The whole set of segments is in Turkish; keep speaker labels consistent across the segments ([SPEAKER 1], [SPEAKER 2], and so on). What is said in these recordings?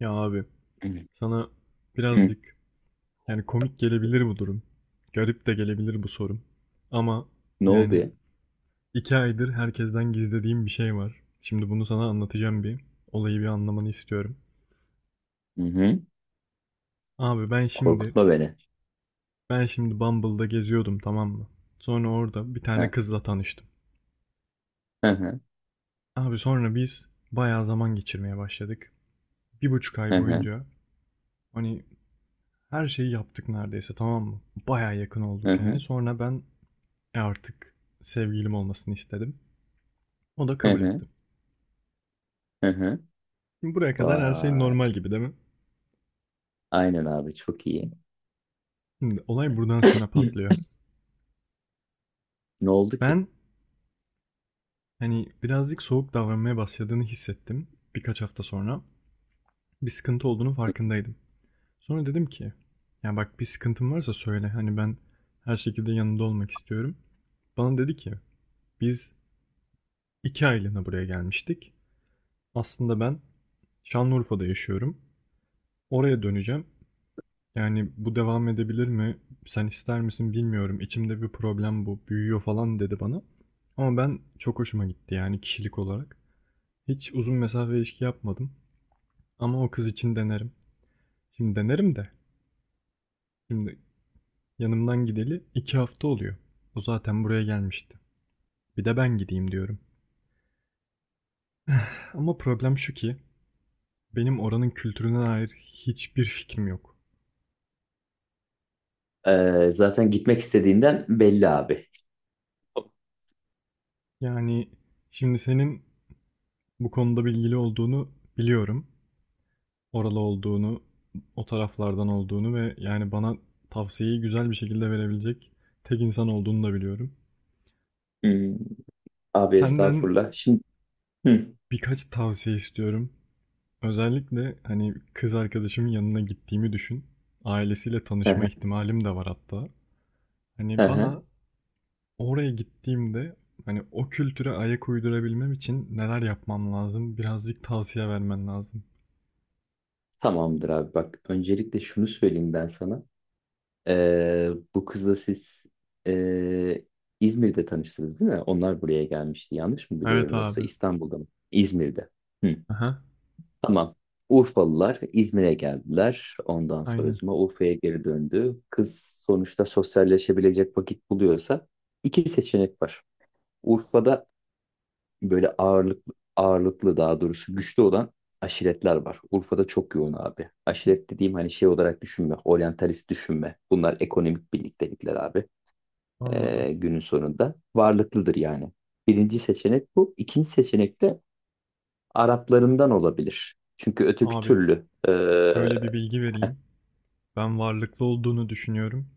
[SPEAKER 1] Ya abi
[SPEAKER 2] Hı
[SPEAKER 1] sana
[SPEAKER 2] hı.
[SPEAKER 1] birazcık yani komik gelebilir bu durum. Garip de gelebilir bu sorum. Ama
[SPEAKER 2] Ne oldu
[SPEAKER 1] yani
[SPEAKER 2] ya?
[SPEAKER 1] 2 aydır herkesten gizlediğim bir şey var. Şimdi bunu sana anlatacağım bir. Olayı bir anlamanı istiyorum.
[SPEAKER 2] Hı hı.
[SPEAKER 1] Abi ben şimdi
[SPEAKER 2] Korkutma beni.
[SPEAKER 1] ben şimdi Bumble'da geziyordum, tamam mı? Sonra orada bir tane
[SPEAKER 2] Hı
[SPEAKER 1] kızla tanıştım.
[SPEAKER 2] hı hı
[SPEAKER 1] Abi sonra biz bayağı zaman geçirmeye başladık. 1,5 ay
[SPEAKER 2] hı hı
[SPEAKER 1] boyunca hani her şeyi yaptık neredeyse, tamam mı? Bayağı yakın
[SPEAKER 2] hı
[SPEAKER 1] olduk yani.
[SPEAKER 2] hı
[SPEAKER 1] Sonra ben E artık sevgilim olmasını istedim. O da
[SPEAKER 2] hı
[SPEAKER 1] kabul
[SPEAKER 2] hı.
[SPEAKER 1] etti.
[SPEAKER 2] Hı.
[SPEAKER 1] Şimdi buraya kadar her şey
[SPEAKER 2] Vay.
[SPEAKER 1] normal gibi, değil mi?
[SPEAKER 2] Aynen abi çok iyi.
[SPEAKER 1] Şimdi olay buradan sonra
[SPEAKER 2] Hı.
[SPEAKER 1] patlıyor.
[SPEAKER 2] Ne oldu ki?
[SPEAKER 1] Ben hani birazcık soğuk davranmaya başladığını hissettim birkaç hafta sonra. Bir sıkıntı olduğunu farkındaydım. Sonra dedim ki ya bak, bir sıkıntın varsa söyle, hani ben her şekilde yanında olmak istiyorum. Bana dedi ki biz 2 aylığına buraya gelmiştik. Aslında ben Şanlıurfa'da yaşıyorum. Oraya döneceğim. Yani bu devam edebilir mi? Sen ister misin bilmiyorum. İçimde bir problem bu. Büyüyor falan dedi bana. Ama ben çok hoşuma gitti yani kişilik olarak. Hiç uzun mesafe ilişki yapmadım. Ama o kız için denerim. Şimdi denerim de. Şimdi yanımdan gideli 2 hafta oluyor. O zaten buraya gelmişti. Bir de ben gideyim diyorum. Ama problem şu ki benim oranın kültürüne dair hiçbir fikrim yok.
[SPEAKER 2] Zaten gitmek istediğinden belli abi.
[SPEAKER 1] Yani şimdi senin bu konuda bilgili olduğunu biliyorum, oralı olduğunu, o taraflardan olduğunu ve yani bana tavsiyeyi güzel bir şekilde verebilecek tek insan olduğunu da biliyorum.
[SPEAKER 2] Hmm. Abi
[SPEAKER 1] Senden
[SPEAKER 2] estağfurullah. Şimdi. Hı.
[SPEAKER 1] birkaç tavsiye istiyorum. Özellikle hani kız arkadaşımın yanına gittiğimi düşün. Ailesiyle
[SPEAKER 2] Hı
[SPEAKER 1] tanışma
[SPEAKER 2] hı.
[SPEAKER 1] ihtimalim de var hatta.
[SPEAKER 2] Hı
[SPEAKER 1] Hani bana
[SPEAKER 2] hı.
[SPEAKER 1] oraya gittiğimde hani o kültüre ayak uydurabilmem için neler yapmam lazım? Birazcık tavsiye vermen lazım.
[SPEAKER 2] Tamamdır abi bak. Öncelikle şunu söyleyeyim ben sana. Ee, Bu kızla siz ee, İzmir'de tanıştınız değil mi? Onlar buraya gelmişti. Yanlış mı
[SPEAKER 1] Evet
[SPEAKER 2] biliyorum, yoksa
[SPEAKER 1] abi.
[SPEAKER 2] İstanbul'da mı? İzmir'de. Hı,
[SPEAKER 1] Aha,
[SPEAKER 2] tamam. Urfalılar İzmir'e geldiler. Ondan
[SPEAKER 1] aynen.
[SPEAKER 2] sonracıma Urfa'ya geri döndü kız. Sonuçta sosyalleşebilecek vakit buluyorsa iki seçenek var. Urfa'da böyle ağırlıklı, daha doğrusu güçlü olan aşiretler var. Urfa'da çok yoğun abi. Aşiret dediğim, hani, şey olarak düşünme, oryantalist düşünme. Bunlar ekonomik birliktelikler abi,
[SPEAKER 1] Anladım.
[SPEAKER 2] günün sonunda varlıklıdır yani. Birinci seçenek bu. İkinci seçenek de Araplarından olabilir. Çünkü öteki
[SPEAKER 1] Abi
[SPEAKER 2] türlü.
[SPEAKER 1] şöyle bir bilgi vereyim. Ben varlıklı olduğunu düşünüyorum.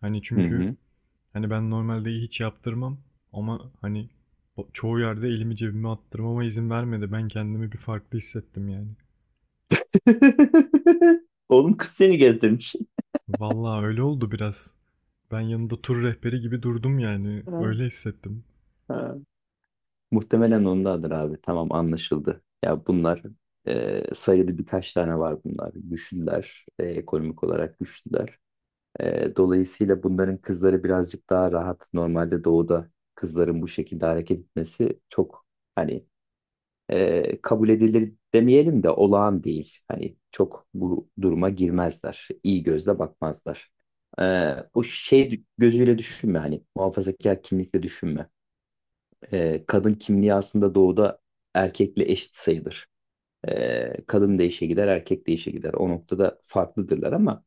[SPEAKER 1] Hani
[SPEAKER 2] Hı
[SPEAKER 1] çünkü
[SPEAKER 2] hı.
[SPEAKER 1] hani ben normalde hiç yaptırmam ama hani çoğu yerde elimi cebime attırmama izin vermedi. Ben kendimi bir farklı hissettim yani.
[SPEAKER 2] Oğlum, kız seni gezdirmiş.
[SPEAKER 1] Vallahi öyle oldu biraz. Ben yanında tur rehberi gibi durdum yani.
[SPEAKER 2] Ha,
[SPEAKER 1] Öyle hissettim.
[SPEAKER 2] ha. Muhtemelen ondadır abi. Tamam, anlaşıldı. Ya bunlar, sayılı birkaç tane var bunlar. Güçlüler. E ekonomik olarak güçlüler. Dolayısıyla bunların kızları birazcık daha rahat. Normalde doğuda kızların bu şekilde hareket etmesi çok, hani, kabul edilir demeyelim de olağan değil. Hani çok bu duruma girmezler. İyi gözle bakmazlar. E, bu şey gözüyle düşünme, hani muhafazakar kimlikle düşünme. Kadın kimliği aslında doğuda erkekle eşit sayılır. Kadın da işe gider, erkek de işe gider. O noktada farklıdırlar ama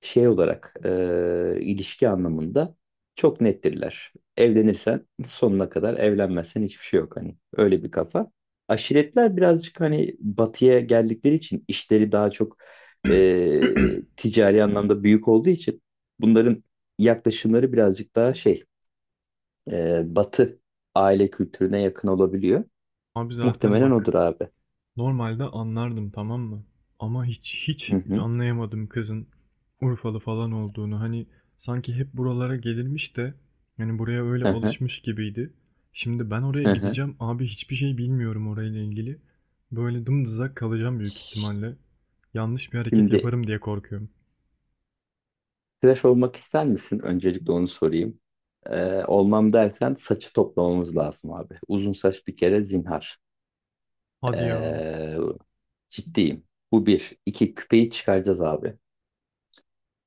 [SPEAKER 2] şey olarak, ilişki anlamında çok nettirler. Evlenirsen sonuna kadar, evlenmezsen hiçbir şey yok, hani. Öyle bir kafa. Aşiretler birazcık, hani, batıya geldikleri için, işleri daha çok ticari anlamda büyük olduğu için, bunların yaklaşımları birazcık daha şey, batı aile kültürüne yakın olabiliyor.
[SPEAKER 1] Abi zaten
[SPEAKER 2] Muhtemelen
[SPEAKER 1] bak,
[SPEAKER 2] odur abi.
[SPEAKER 1] normalde anlardım, tamam mı? Ama hiç
[SPEAKER 2] Hı hı.
[SPEAKER 1] anlayamadım kızın Urfalı falan olduğunu. Hani sanki hep buralara gelirmiş de yani buraya öyle
[SPEAKER 2] Hı hı.
[SPEAKER 1] alışmış gibiydi. Şimdi ben oraya
[SPEAKER 2] Hı hı.
[SPEAKER 1] gideceğim abi, hiçbir şey bilmiyorum orayla ilgili. Böyle dımdızak kalacağım büyük ihtimalle. Yanlış bir hareket
[SPEAKER 2] Şimdi,
[SPEAKER 1] yaparım diye korkuyorum.
[SPEAKER 2] tıraş olmak ister misin? Öncelikle onu sorayım. Olmam dersen, saçı toplamamız lazım abi. Uzun saç bir kere zinhar.
[SPEAKER 1] Hadi ya.
[SPEAKER 2] Ee, Ciddiyim. Bu bir. İki, küpeyi çıkaracağız abi.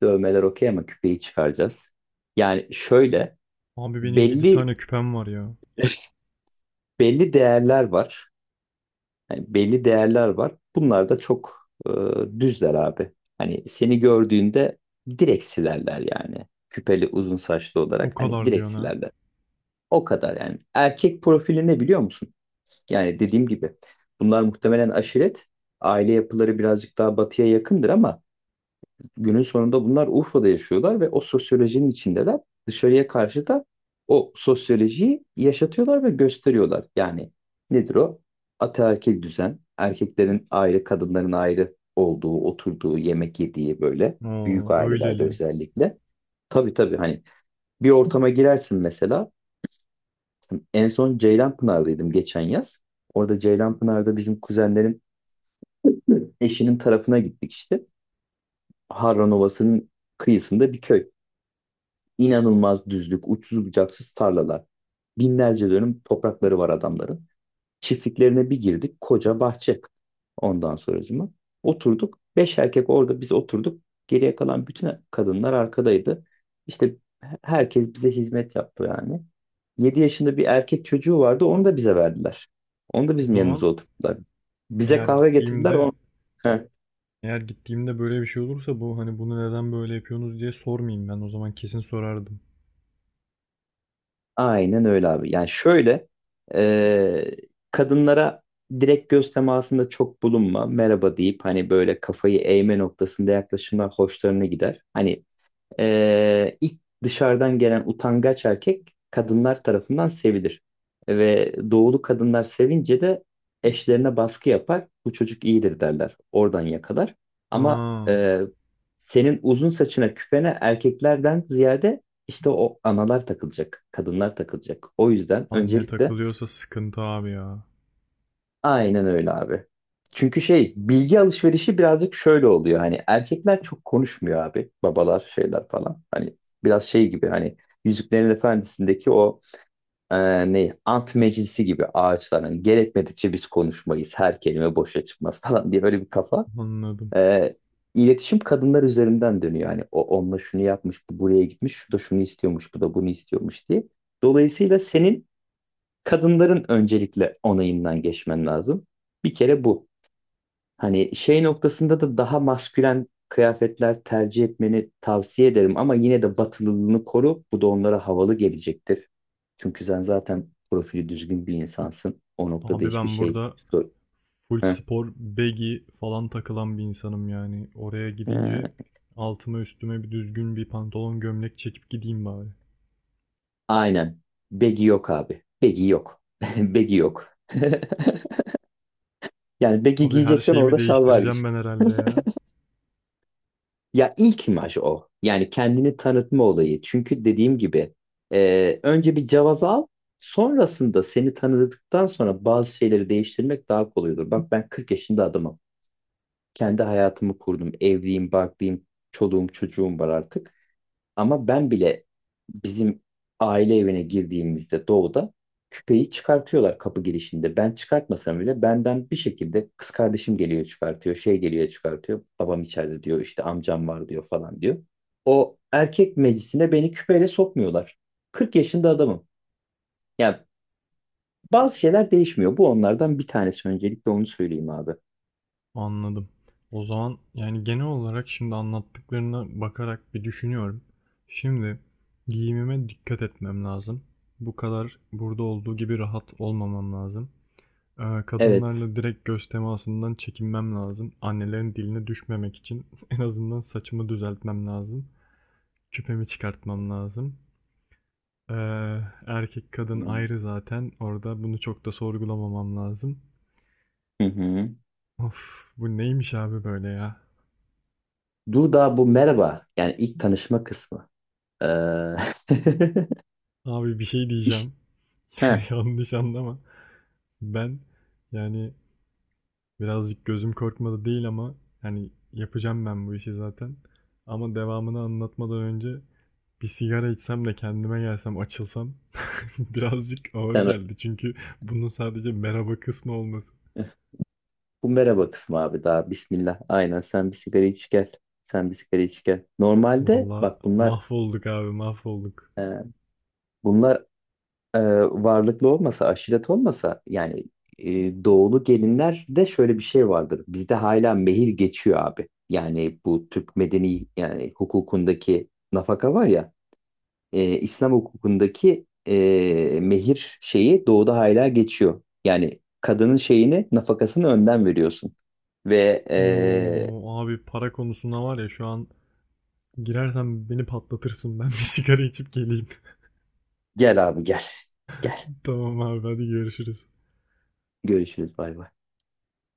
[SPEAKER 2] Dövmeler okey ama küpeyi çıkaracağız. Yani şöyle,
[SPEAKER 1] Abi benim 7
[SPEAKER 2] belli
[SPEAKER 1] tane küpem var ya.
[SPEAKER 2] belli değerler var. Yani belli değerler var. Bunlar da çok düzler abi. Hani seni gördüğünde direkt silerler yani. Küpeli, uzun saçlı
[SPEAKER 1] O
[SPEAKER 2] olarak, hani
[SPEAKER 1] kadar
[SPEAKER 2] direkt
[SPEAKER 1] diyorsun ha.
[SPEAKER 2] silerler. O kadar yani. Erkek profili ne, biliyor musun? Yani dediğim gibi, bunlar muhtemelen aşiret. Aile yapıları birazcık daha batıya yakındır ama günün sonunda bunlar Urfa'da yaşıyorlar ve o sosyolojinin içindeler. Dışarıya karşı da o sosyolojiyi yaşatıyorlar ve gösteriyorlar. Yani nedir o? Ataerkil düzen, erkeklerin ayrı, kadınların ayrı olduğu, oturduğu, yemek yediği, böyle büyük
[SPEAKER 1] Oo
[SPEAKER 2] ailelerde
[SPEAKER 1] öyleli.
[SPEAKER 2] özellikle. Tabii tabii, hani, bir ortama girersin mesela. En son Ceylanpınar'daydım geçen yaz. Orada, Ceylanpınar'da, bizim kuzenlerin eşinin tarafına gittik işte. Harran Ovası'nın kıyısında bir köy. İnanılmaz düzlük, uçsuz bucaksız tarlalar. Binlerce dönüm toprakları var adamların. Çiftliklerine bir girdik. Koca bahçe. Ondan sonracıma. Oturduk. Beş erkek orada biz oturduk. Geriye kalan bütün kadınlar arkadaydı. İşte herkes bize hizmet yaptı yani. Yedi yaşında bir erkek çocuğu vardı. Onu da bize verdiler. Onu da
[SPEAKER 1] O
[SPEAKER 2] bizim yanımıza
[SPEAKER 1] zaman
[SPEAKER 2] oturttular. Bize
[SPEAKER 1] eğer
[SPEAKER 2] kahve getirdiler.
[SPEAKER 1] gittiğimde
[SPEAKER 2] On.
[SPEAKER 1] Eğer gittiğimde böyle bir şey olursa bu, hani bunu neden böyle yapıyorsunuz diye sormayayım ben. O zaman kesin sorardım.
[SPEAKER 2] Aynen öyle abi. Yani şöyle, e, kadınlara direkt göz temasında çok bulunma. Merhaba deyip, hani, böyle kafayı eğme noktasında yaklaşımlar hoşlarına gider. Hani ilk dışarıdan gelen utangaç erkek, kadınlar tarafından sevilir. Ve doğulu kadınlar sevince de eşlerine baskı yapar. Bu çocuk iyidir derler. Oradan yakalar. Ama
[SPEAKER 1] Ha,
[SPEAKER 2] senin uzun saçına, küpene, erkeklerden ziyade işte o analar takılacak. Kadınlar takılacak. O yüzden
[SPEAKER 1] anne
[SPEAKER 2] öncelikle.
[SPEAKER 1] takılıyorsa sıkıntı abi ya.
[SPEAKER 2] Aynen öyle abi. Çünkü şey, bilgi alışverişi birazcık şöyle oluyor: hani erkekler çok konuşmuyor abi, babalar, şeyler falan, hani biraz şey gibi, hani Yüzüklerin Efendisi'ndeki o, e, ne, ant meclisi gibi ağaçlar, hani gerekmedikçe biz konuşmayız, her kelime boşa çıkmaz falan diye, böyle bir kafa.
[SPEAKER 1] Anladım.
[SPEAKER 2] e, iletişim kadınlar üzerinden dönüyor, hani o onunla şunu yapmış, bu buraya gitmiş, şu da şunu istiyormuş, bu da bunu istiyormuş diye. Dolayısıyla senin kadınların öncelikle onayından geçmen lazım, bir kere bu. Hani şey noktasında da, daha maskülen kıyafetler tercih etmeni tavsiye ederim ama yine de batılılığını koru. Bu da onlara havalı gelecektir. Çünkü sen zaten profili düzgün bir insansın. O noktada
[SPEAKER 1] Abi
[SPEAKER 2] hiçbir
[SPEAKER 1] ben
[SPEAKER 2] şey,
[SPEAKER 1] burada
[SPEAKER 2] sor.
[SPEAKER 1] full
[SPEAKER 2] Heh.
[SPEAKER 1] spor, baggy falan takılan bir insanım yani. Oraya gidince
[SPEAKER 2] Ee,
[SPEAKER 1] altıma üstüme bir düzgün bir pantolon gömlek çekip gideyim bari.
[SPEAKER 2] aynen. Begi yok abi. Begi yok. Begi yok. Yani begi
[SPEAKER 1] Abi her
[SPEAKER 2] giyeceksen,
[SPEAKER 1] şeyimi
[SPEAKER 2] orada şal
[SPEAKER 1] değiştireceğim
[SPEAKER 2] var.
[SPEAKER 1] ben herhalde ya.
[SPEAKER 2] Ya ilk imaj o. Yani kendini tanıtma olayı. Çünkü dediğim gibi, önce bir cevaz al. Sonrasında seni tanıdıktan sonra bazı şeyleri değiştirmek daha kolay olur. Bak, ben 40 yaşında adamım. Kendi hayatımı kurdum. Evliyim, barklıyım, çoluğum, çocuğum var artık. Ama ben bile bizim aile evine girdiğimizde, doğuda, küpeyi çıkartıyorlar kapı girişinde. Ben çıkartmasam bile benden, bir şekilde, kız kardeşim geliyor çıkartıyor, şey geliyor çıkartıyor. Babam içeride diyor, işte amcam var diyor falan diyor. O erkek meclisine beni küpeyle sokmuyorlar. 40 yaşında adamım. Yani bazı şeyler değişmiyor. Bu onlardan bir tanesi, öncelikle onu söyleyeyim abi.
[SPEAKER 1] Anladım. O zaman yani genel olarak şimdi anlattıklarına bakarak bir düşünüyorum. Şimdi giyimime dikkat etmem lazım. Bu kadar burada olduğu gibi rahat olmamam lazım.
[SPEAKER 2] Evet.
[SPEAKER 1] Kadınlarla direkt göz temasından çekinmem lazım. Annelerin diline düşmemek için en azından saçımı düzeltmem lazım. Küpemi çıkartmam lazım. Ee, Erkek kadın
[SPEAKER 2] Hmm.
[SPEAKER 1] ayrı zaten. Orada bunu çok da sorgulamamam lazım.
[SPEAKER 2] Hı hı.
[SPEAKER 1] Of, bu neymiş abi böyle ya?
[SPEAKER 2] Dur, daha bu merhaba. Yani ilk tanışma kısmı. Ee...
[SPEAKER 1] Abi bir şey
[SPEAKER 2] işte.
[SPEAKER 1] diyeceğim.
[SPEAKER 2] Heh.
[SPEAKER 1] Yanlış anlama. Ben yani birazcık gözüm korkmadı değil ama hani yapacağım ben bu işi zaten. Ama devamını anlatmadan önce bir sigara içsem de kendime gelsem açılsam birazcık ağır
[SPEAKER 2] Sen,
[SPEAKER 1] geldi. Çünkü bunun sadece merhaba kısmı olması.
[SPEAKER 2] bu merhaba kısmı abi, daha bismillah. Aynen, sen bir sigara iç gel. Sen bir sigara iç gel. Normalde
[SPEAKER 1] Valla
[SPEAKER 2] bak,
[SPEAKER 1] mahvolduk abi, mahvolduk.
[SPEAKER 2] e, bunlar e, varlıklı olmasa, aşiret olmasa, yani doğulu gelinlerde şöyle bir şey vardır. Bizde hala mehir geçiyor abi. Yani bu Türk medeni, yani hukukundaki nafaka var ya, İslam hukukundaki mehir şeyi doğuda hala geçiyor. Yani kadının şeyini, nafakasını önden veriyorsun. Ve
[SPEAKER 1] Oo abi, para konusuna var ya, şu an girersen beni patlatırsın. Ben bir sigara içip geleyim.
[SPEAKER 2] gel abi gel. Gel.
[SPEAKER 1] Tamam abi, hadi görüşürüz.
[SPEAKER 2] Görüşürüz, bay bay.